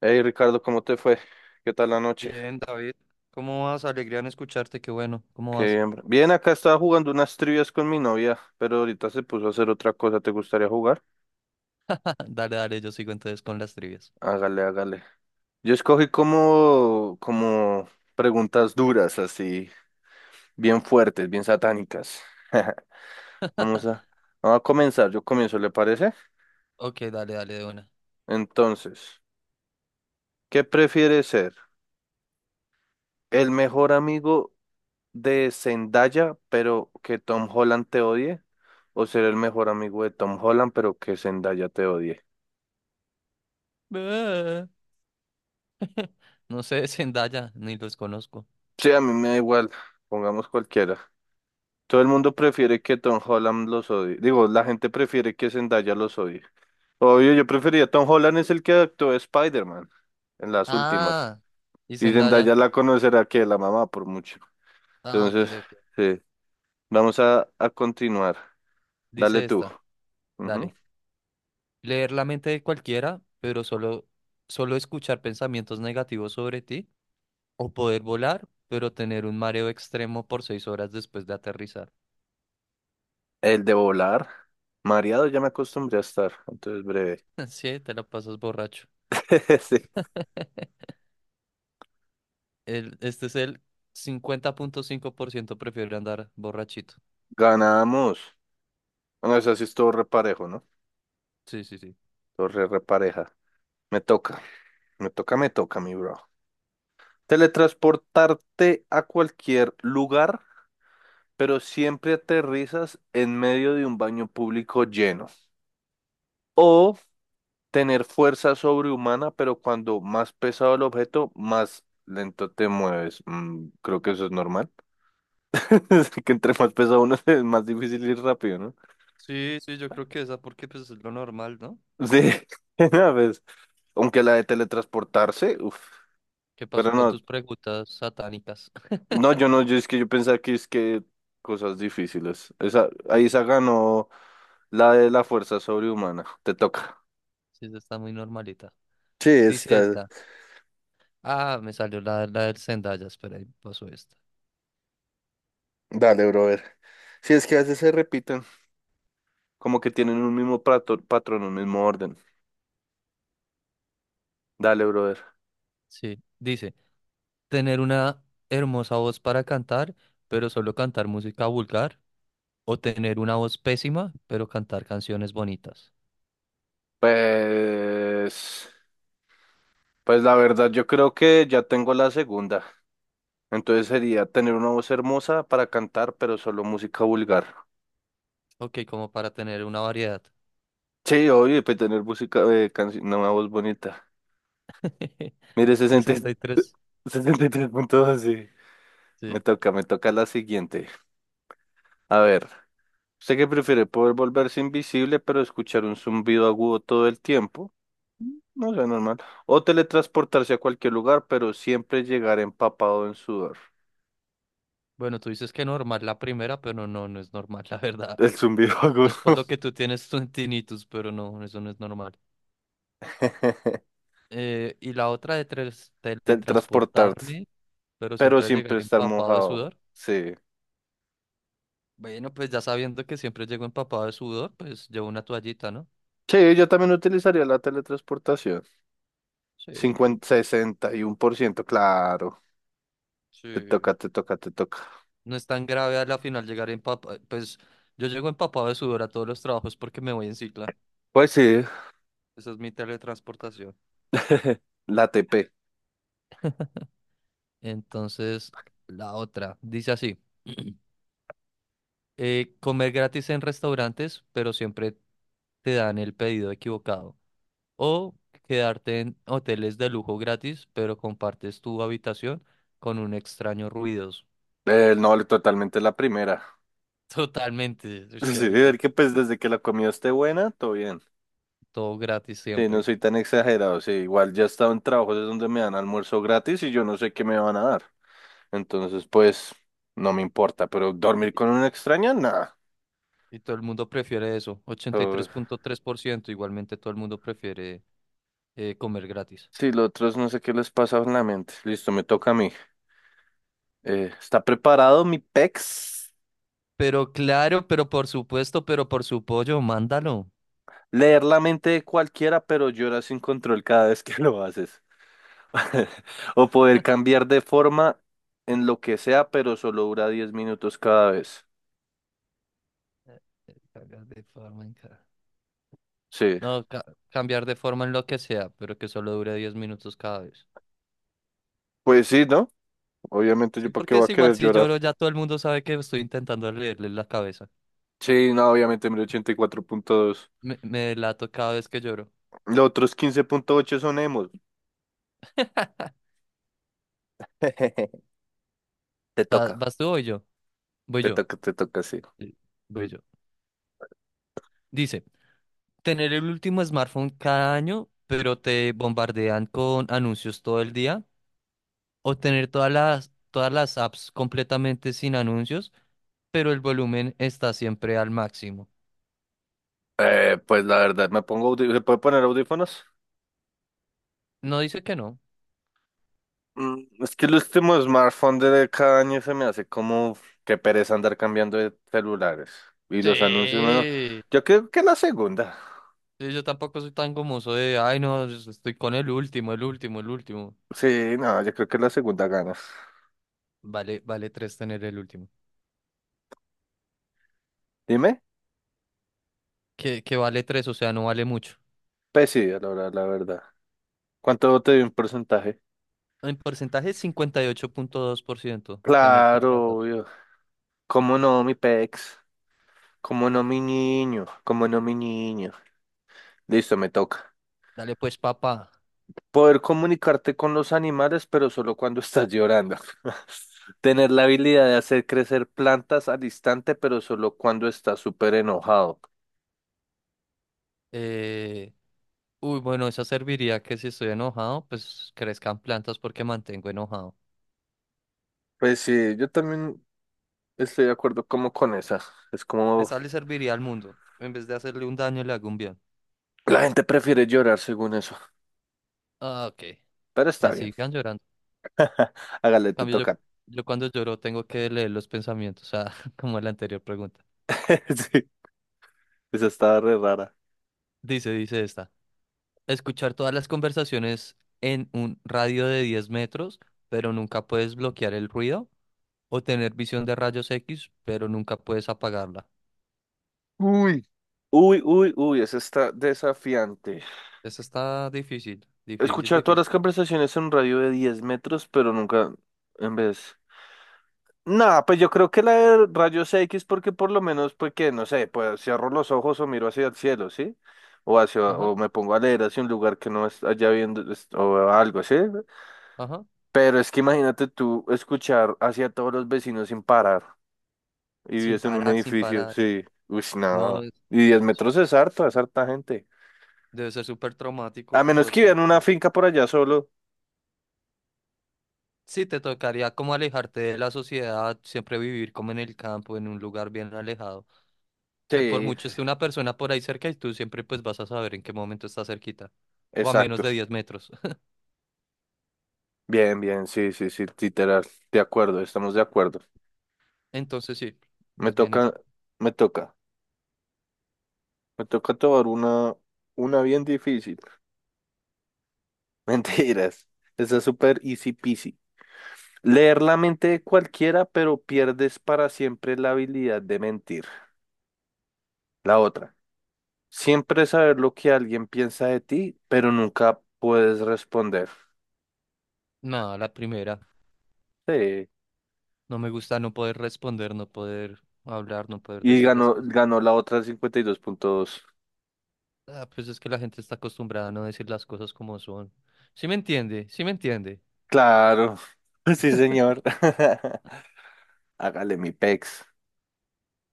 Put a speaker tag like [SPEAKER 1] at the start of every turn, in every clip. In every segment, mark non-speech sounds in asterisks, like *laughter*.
[SPEAKER 1] Hey Ricardo, ¿cómo te fue? ¿Qué tal la noche?
[SPEAKER 2] Bien, David. ¿Cómo vas? Alegría en escucharte, qué bueno. ¿Cómo
[SPEAKER 1] Que
[SPEAKER 2] vas?
[SPEAKER 1] bien, bro. Bien, acá estaba jugando unas trivias con mi novia, pero ahorita se puso a hacer otra cosa. ¿Te gustaría jugar?
[SPEAKER 2] *laughs* Dale, dale, yo sigo entonces con las trivias.
[SPEAKER 1] Hágale, hágale. Yo escogí como preguntas duras, así, bien fuertes, bien satánicas. *laughs* Vamos a,
[SPEAKER 2] *laughs*
[SPEAKER 1] vamos a comenzar. Yo comienzo, ¿le parece?
[SPEAKER 2] Ok, dale, dale de una.
[SPEAKER 1] Entonces, ¿qué prefiere ser? ¿El mejor amigo de Zendaya, pero que Tom Holland te odie, o ser el mejor amigo de Tom Holland, pero que Zendaya te odie?
[SPEAKER 2] Ah. *laughs* No sé, Zendaya, ni los conozco.
[SPEAKER 1] Sí, a mí me da igual, pongamos cualquiera. Todo el mundo prefiere que Tom Holland los odie. Digo, la gente prefiere que Zendaya los odie. Obvio, yo prefería Tom Holland es el que actuó de Spider-Man en las últimas.
[SPEAKER 2] Ah, y
[SPEAKER 1] Y Zendaya
[SPEAKER 2] Zendaya.
[SPEAKER 1] la conocerá que la mamá por mucho.
[SPEAKER 2] Ah, ok,
[SPEAKER 1] Entonces,
[SPEAKER 2] ok.
[SPEAKER 1] sí, vamos a continuar. Dale
[SPEAKER 2] Dice
[SPEAKER 1] tú.
[SPEAKER 2] esta,
[SPEAKER 1] Ujú.
[SPEAKER 2] dale. Leer la mente de cualquiera, pero solo escuchar pensamientos negativos sobre ti. O poder volar, pero tener un mareo extremo por 6 horas después de aterrizar.
[SPEAKER 1] El de volar. Mareado ya me acostumbré a estar, entonces breve.
[SPEAKER 2] *laughs* Sí, te la pasas borracho.
[SPEAKER 1] *laughs* Sí.
[SPEAKER 2] Este es el 50,5% prefiere andar borrachito.
[SPEAKER 1] Ganamos. Bueno, eso sí es todo reparejo, ¿no?
[SPEAKER 2] Sí, sí, sí.
[SPEAKER 1] Todo re repareja. Me toca, me toca, me toca, mi bro. Teletransportarte a cualquier lugar, pero siempre aterrizas en medio de un baño público lleno. O tener fuerza sobrehumana, pero cuando más pesado el objeto, más lento te mueves. Creo que eso es normal. *laughs* Que entre más pesado uno *laughs* es más difícil ir rápido, ¿no?
[SPEAKER 2] Sí, sí, yo creo que esa, porque pues es lo normal, ¿no?
[SPEAKER 1] Sí, *laughs* a veces, aunque la de teletransportarse, uff,
[SPEAKER 2] ¿Qué
[SPEAKER 1] pero
[SPEAKER 2] pasó con
[SPEAKER 1] no,
[SPEAKER 2] tus preguntas satánicas?
[SPEAKER 1] no,
[SPEAKER 2] *laughs*
[SPEAKER 1] yo es que yo pensaba que es que cosas difíciles. Esa, ahí se ganó la de la fuerza sobrehumana, te toca.
[SPEAKER 2] Sí, esa está muy normalita.
[SPEAKER 1] Sí,
[SPEAKER 2] Dice
[SPEAKER 1] está,
[SPEAKER 2] esta. Ah, me salió la del Zendaya, espera, ahí pasó esta.
[SPEAKER 1] dale, bro, a ver. Sí, es que a veces se repiten, como que tienen un mismo patrón, un mismo orden. Dale, brother.
[SPEAKER 2] Sí, dice, tener una hermosa voz para cantar, pero solo cantar música vulgar, o tener una voz pésima, pero cantar canciones bonitas.
[SPEAKER 1] Pues, pues la verdad, yo creo que ya tengo la segunda. Entonces sería tener una voz hermosa para cantar, pero solo música vulgar.
[SPEAKER 2] Ok, como para tener una variedad.
[SPEAKER 1] Sí, obvio, y pues tener música, no, una voz bonita.
[SPEAKER 2] *laughs*
[SPEAKER 1] Mire,
[SPEAKER 2] 63.
[SPEAKER 1] *laughs* 63 puntos sí.
[SPEAKER 2] Sí.
[SPEAKER 1] Me toca la siguiente. A ver, ¿usted qué prefiere? ¿Poder volverse invisible, pero escuchar un zumbido agudo todo el tiempo? No sé, normal. O teletransportarse a cualquier lugar, pero siempre llegar empapado en sudor.
[SPEAKER 2] Bueno, tú dices que normal la primera, pero no, no no es normal, *laughs* la
[SPEAKER 1] *laughs*
[SPEAKER 2] verdad.
[SPEAKER 1] El zumbido agudo.
[SPEAKER 2] Es por lo que tú tienes tu tinnitus, pero no, eso no es normal.
[SPEAKER 1] *laughs*
[SPEAKER 2] Y la otra de
[SPEAKER 1] Teletransportarse,
[SPEAKER 2] teletransportarme, pero
[SPEAKER 1] pero
[SPEAKER 2] siempre
[SPEAKER 1] siempre
[SPEAKER 2] llegar
[SPEAKER 1] estar
[SPEAKER 2] empapado de
[SPEAKER 1] mojado.
[SPEAKER 2] sudor.
[SPEAKER 1] Sí.
[SPEAKER 2] Bueno, pues ya sabiendo que siempre llego empapado de sudor, pues llevo una toallita, ¿no?
[SPEAKER 1] Sí, yo también utilizaría la teletransportación.
[SPEAKER 2] Sí,
[SPEAKER 1] Cincuenta, 61%, claro. Te
[SPEAKER 2] sí.
[SPEAKER 1] toca, te toca, te toca.
[SPEAKER 2] No es tan grave al final llegar empapado. Pues yo llego empapado de sudor a todos los trabajos porque me voy en cicla.
[SPEAKER 1] Pues sí,
[SPEAKER 2] Esa es mi teletransportación.
[SPEAKER 1] *laughs* la TP.
[SPEAKER 2] Entonces, la otra dice así. *clears throat* Comer gratis en restaurantes, pero siempre te dan el pedido equivocado. O quedarte en hoteles de lujo gratis, pero compartes tu habitación con un extraño ruidos.
[SPEAKER 1] No, totalmente la primera. *laughs*
[SPEAKER 2] *laughs* Totalmente, es que
[SPEAKER 1] Sí,
[SPEAKER 2] rico.
[SPEAKER 1] ver que pues desde que la comida esté buena, todo bien.
[SPEAKER 2] Todo gratis
[SPEAKER 1] Sí, no
[SPEAKER 2] siempre.
[SPEAKER 1] soy tan exagerado. Sí, igual ya he estado en trabajos es donde me dan almuerzo gratis y yo no sé qué me van a dar. Entonces, pues, no me importa. Pero
[SPEAKER 2] Y,
[SPEAKER 1] dormir con una extraña, nada.
[SPEAKER 2] y todo el mundo prefiere eso. Ochenta y tres
[SPEAKER 1] Uf.
[SPEAKER 2] punto tres por ciento, igualmente, todo el mundo prefiere comer gratis.
[SPEAKER 1] Sí, los otros no sé qué les pasa en la mente. Listo, me toca a mí. ¿Está preparado mi pex?
[SPEAKER 2] Pero claro, pero por supuesto, pero por su pollo, mándalo.
[SPEAKER 1] Leer la mente de cualquiera, pero llora sin control cada vez *laughs* que lo haces. *laughs* O poder cambiar de forma en lo que sea, pero solo dura 10 minutos cada vez.
[SPEAKER 2] Cagas de forma en cara.
[SPEAKER 1] Sí.
[SPEAKER 2] No, cambiar de forma en lo que sea, pero que solo dure 10 minutos cada vez.
[SPEAKER 1] Pues sí, ¿no? Obviamente, ¿yo
[SPEAKER 2] Sí,
[SPEAKER 1] para qué
[SPEAKER 2] porque
[SPEAKER 1] voy
[SPEAKER 2] es
[SPEAKER 1] a
[SPEAKER 2] igual
[SPEAKER 1] querer
[SPEAKER 2] si
[SPEAKER 1] llorar?
[SPEAKER 2] lloro, ya todo el mundo sabe que estoy intentando leerle la cabeza.
[SPEAKER 1] Sí, no, obviamente, 1084,2.
[SPEAKER 2] Me delato cada vez que lloro.
[SPEAKER 1] Los otros 15,8 son emos.
[SPEAKER 2] *laughs*
[SPEAKER 1] *laughs* Te toca,
[SPEAKER 2] ¿Vas tú o voy yo? Voy
[SPEAKER 1] te
[SPEAKER 2] yo.
[SPEAKER 1] toca, te toca, sí.
[SPEAKER 2] Sí, voy yo. Dice, tener el último smartphone cada año, pero te bombardean con anuncios todo el día. O tener todas las apps completamente sin anuncios, pero el volumen está siempre al máximo.
[SPEAKER 1] Pues la verdad, me pongo ¿se puede poner audífonos?
[SPEAKER 2] No dice que no.
[SPEAKER 1] Es que el último smartphone de cada año se me hace como que pereza andar cambiando de celulares. Y los anuncios, bueno,
[SPEAKER 2] Sí.
[SPEAKER 1] yo creo que la segunda.
[SPEAKER 2] Sí, yo tampoco soy tan gomoso. Soy de, ay, no, yo estoy con el último, el último, el último.
[SPEAKER 1] Sí, no, yo creo que la segunda ganas.
[SPEAKER 2] Vale 3 tener el último.
[SPEAKER 1] Dime,
[SPEAKER 2] Que vale 3, o sea, no vale mucho.
[SPEAKER 1] pues sí, la verdad, la verdad. ¿Cuánto te dio un porcentaje?
[SPEAKER 2] En porcentaje, 58,2% tener todas las
[SPEAKER 1] Claro,
[SPEAKER 2] apps.
[SPEAKER 1] obvio. ¿Cómo no, mi pex? ¿Cómo no, mi niño? ¿Cómo no, mi niño? Listo, me toca.
[SPEAKER 2] Dale pues, papá.
[SPEAKER 1] Poder comunicarte con los animales, pero solo cuando estás llorando. *laughs* Tener la habilidad de hacer crecer plantas al instante, pero solo cuando estás súper enojado.
[SPEAKER 2] Eh, uy, bueno, esa serviría que si estoy enojado, pues crezcan plantas porque mantengo enojado.
[SPEAKER 1] Pues sí, yo también estoy de acuerdo como con esa. Es como
[SPEAKER 2] Esa le serviría al mundo. En vez de hacerle un daño, le hago un bien.
[SPEAKER 1] la gente prefiere llorar según eso.
[SPEAKER 2] Ah, ok.
[SPEAKER 1] Pero está
[SPEAKER 2] Que
[SPEAKER 1] bien.
[SPEAKER 2] sigan llorando.
[SPEAKER 1] *laughs* Hágale,
[SPEAKER 2] En
[SPEAKER 1] te
[SPEAKER 2] cambio, yo,
[SPEAKER 1] toca.
[SPEAKER 2] yo cuando lloro tengo que leer los pensamientos, o sea, *laughs* como la anterior pregunta.
[SPEAKER 1] *laughs* Sí, esa estaba re rara.
[SPEAKER 2] Dice esta. Escuchar todas las conversaciones en un radio de 10 metros, pero nunca puedes bloquear el ruido. O tener visión de rayos X, pero nunca puedes apagarla.
[SPEAKER 1] Uy. Uy, uy, uy, esa está desafiante.
[SPEAKER 2] Esta está difícil, difícil,
[SPEAKER 1] Escuchar todas las
[SPEAKER 2] difícil.
[SPEAKER 1] conversaciones en un radio de 10 metros, pero nunca en vez. Nada, pues yo creo que la de rayos X porque por lo menos, pues que, no sé, pues cierro los ojos o miro hacia el cielo, ¿sí? O hacia,
[SPEAKER 2] Ajá,
[SPEAKER 1] o me pongo a leer hacia un lugar que no es allá viendo, o algo, ¿sí?
[SPEAKER 2] ajá.
[SPEAKER 1] Pero es que imagínate tú escuchar hacia todos los vecinos sin parar y
[SPEAKER 2] Sin
[SPEAKER 1] vives en un
[SPEAKER 2] parar, sin
[SPEAKER 1] edificio,
[SPEAKER 2] parar.
[SPEAKER 1] sí. Uy,
[SPEAKER 2] No,
[SPEAKER 1] no. Y 10
[SPEAKER 2] su-
[SPEAKER 1] metros es harto, es harta gente.
[SPEAKER 2] debe ser súper traumático
[SPEAKER 1] A
[SPEAKER 2] todo
[SPEAKER 1] menos
[SPEAKER 2] el
[SPEAKER 1] que vivan en
[SPEAKER 2] tiempo.
[SPEAKER 1] una finca por allá solo.
[SPEAKER 2] Sí, te tocaría como alejarte de la sociedad, siempre vivir como en el campo, en un lugar bien alejado. Que por
[SPEAKER 1] Sí,
[SPEAKER 2] mucho
[SPEAKER 1] sí,
[SPEAKER 2] esté una persona por ahí cerca y tú siempre pues vas a saber en qué momento está cerquita. O a menos
[SPEAKER 1] exacto.
[SPEAKER 2] de 10 metros. *laughs*
[SPEAKER 1] Bien, bien, sí, sí, sí, literal. De acuerdo, estamos de acuerdo.
[SPEAKER 2] Entonces sí,
[SPEAKER 1] Me
[SPEAKER 2] más bien
[SPEAKER 1] toca,
[SPEAKER 2] esa.
[SPEAKER 1] me toca. Me toca tomar una bien difícil. *laughs* Mentiras. Esa es súper easy peasy. Leer la mente de cualquiera, pero pierdes para siempre la habilidad de mentir. La otra. Siempre saber lo que alguien piensa de ti, pero nunca puedes responder.
[SPEAKER 2] Nada, la primera.
[SPEAKER 1] Sí.
[SPEAKER 2] No me gusta no poder responder, no poder hablar, no poder
[SPEAKER 1] Y
[SPEAKER 2] decir las
[SPEAKER 1] ganó,
[SPEAKER 2] cosas.
[SPEAKER 1] ganó la otra 52,2.
[SPEAKER 2] Ah, pues es que la gente está acostumbrada a no decir las cosas como son. Sí me entiende, sí me entiende.
[SPEAKER 1] Claro. *laughs* Sí, señor. *laughs* Hágale mi pex.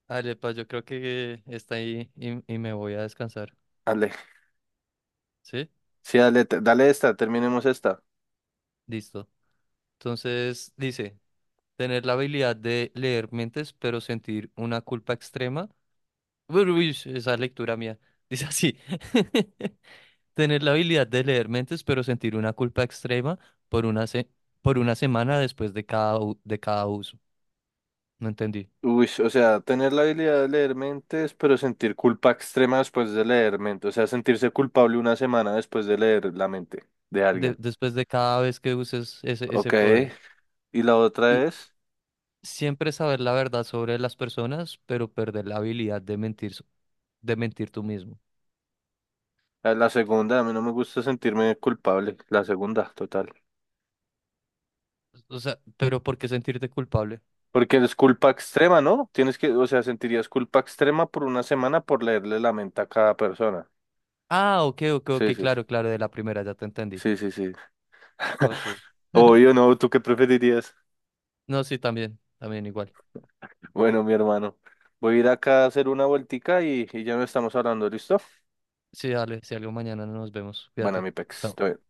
[SPEAKER 2] Ale pa, yo creo que está ahí y me voy a descansar.
[SPEAKER 1] Dale.
[SPEAKER 2] ¿Sí?
[SPEAKER 1] Sí, dale, dale esta, terminemos esta.
[SPEAKER 2] Listo. Entonces dice, tener la habilidad de leer mentes, pero sentir una culpa extrema. Uy, uy, esa es lectura mía. Dice así, *laughs* tener la habilidad de leer mentes, pero sentir una culpa extrema por una, se- por una semana después de cada uso. No entendí.
[SPEAKER 1] Uy, o sea, tener la habilidad de leer mentes, pero sentir culpa extrema después de leer mente. O sea, sentirse culpable una semana después de leer la mente de
[SPEAKER 2] De-
[SPEAKER 1] alguien.
[SPEAKER 2] después de cada vez que uses ese
[SPEAKER 1] Ok.
[SPEAKER 2] poder.
[SPEAKER 1] Y la
[SPEAKER 2] Y
[SPEAKER 1] otra es,
[SPEAKER 2] siempre saber la verdad sobre las personas, pero perder la habilidad de mentir, de mentir tú mismo.
[SPEAKER 1] la segunda, a mí no me gusta sentirme culpable. La segunda, total.
[SPEAKER 2] O sea, pero ¿por qué sentirte culpable?
[SPEAKER 1] Porque es culpa extrema, ¿no? Tienes que, o sea, sentirías culpa extrema por una semana por leerle la mente a cada persona.
[SPEAKER 2] Ah, ok, ok, ok,
[SPEAKER 1] Sí, sí,
[SPEAKER 2] claro, claro, de la primera ya te entendí.
[SPEAKER 1] sí, sí, sí.
[SPEAKER 2] Ok.
[SPEAKER 1] *laughs*
[SPEAKER 2] *laughs*
[SPEAKER 1] Obvio, no, ¿tú qué preferirías?
[SPEAKER 2] No, sí, también, también igual.
[SPEAKER 1] Bueno, mi hermano, voy a ir acá a hacer una vueltica y ya no estamos hablando, ¿listo?
[SPEAKER 2] Sí, dale, si algo mañana nos vemos.
[SPEAKER 1] Bueno,
[SPEAKER 2] Cuídate.
[SPEAKER 1] mi pex,
[SPEAKER 2] Chao.
[SPEAKER 1] estoy-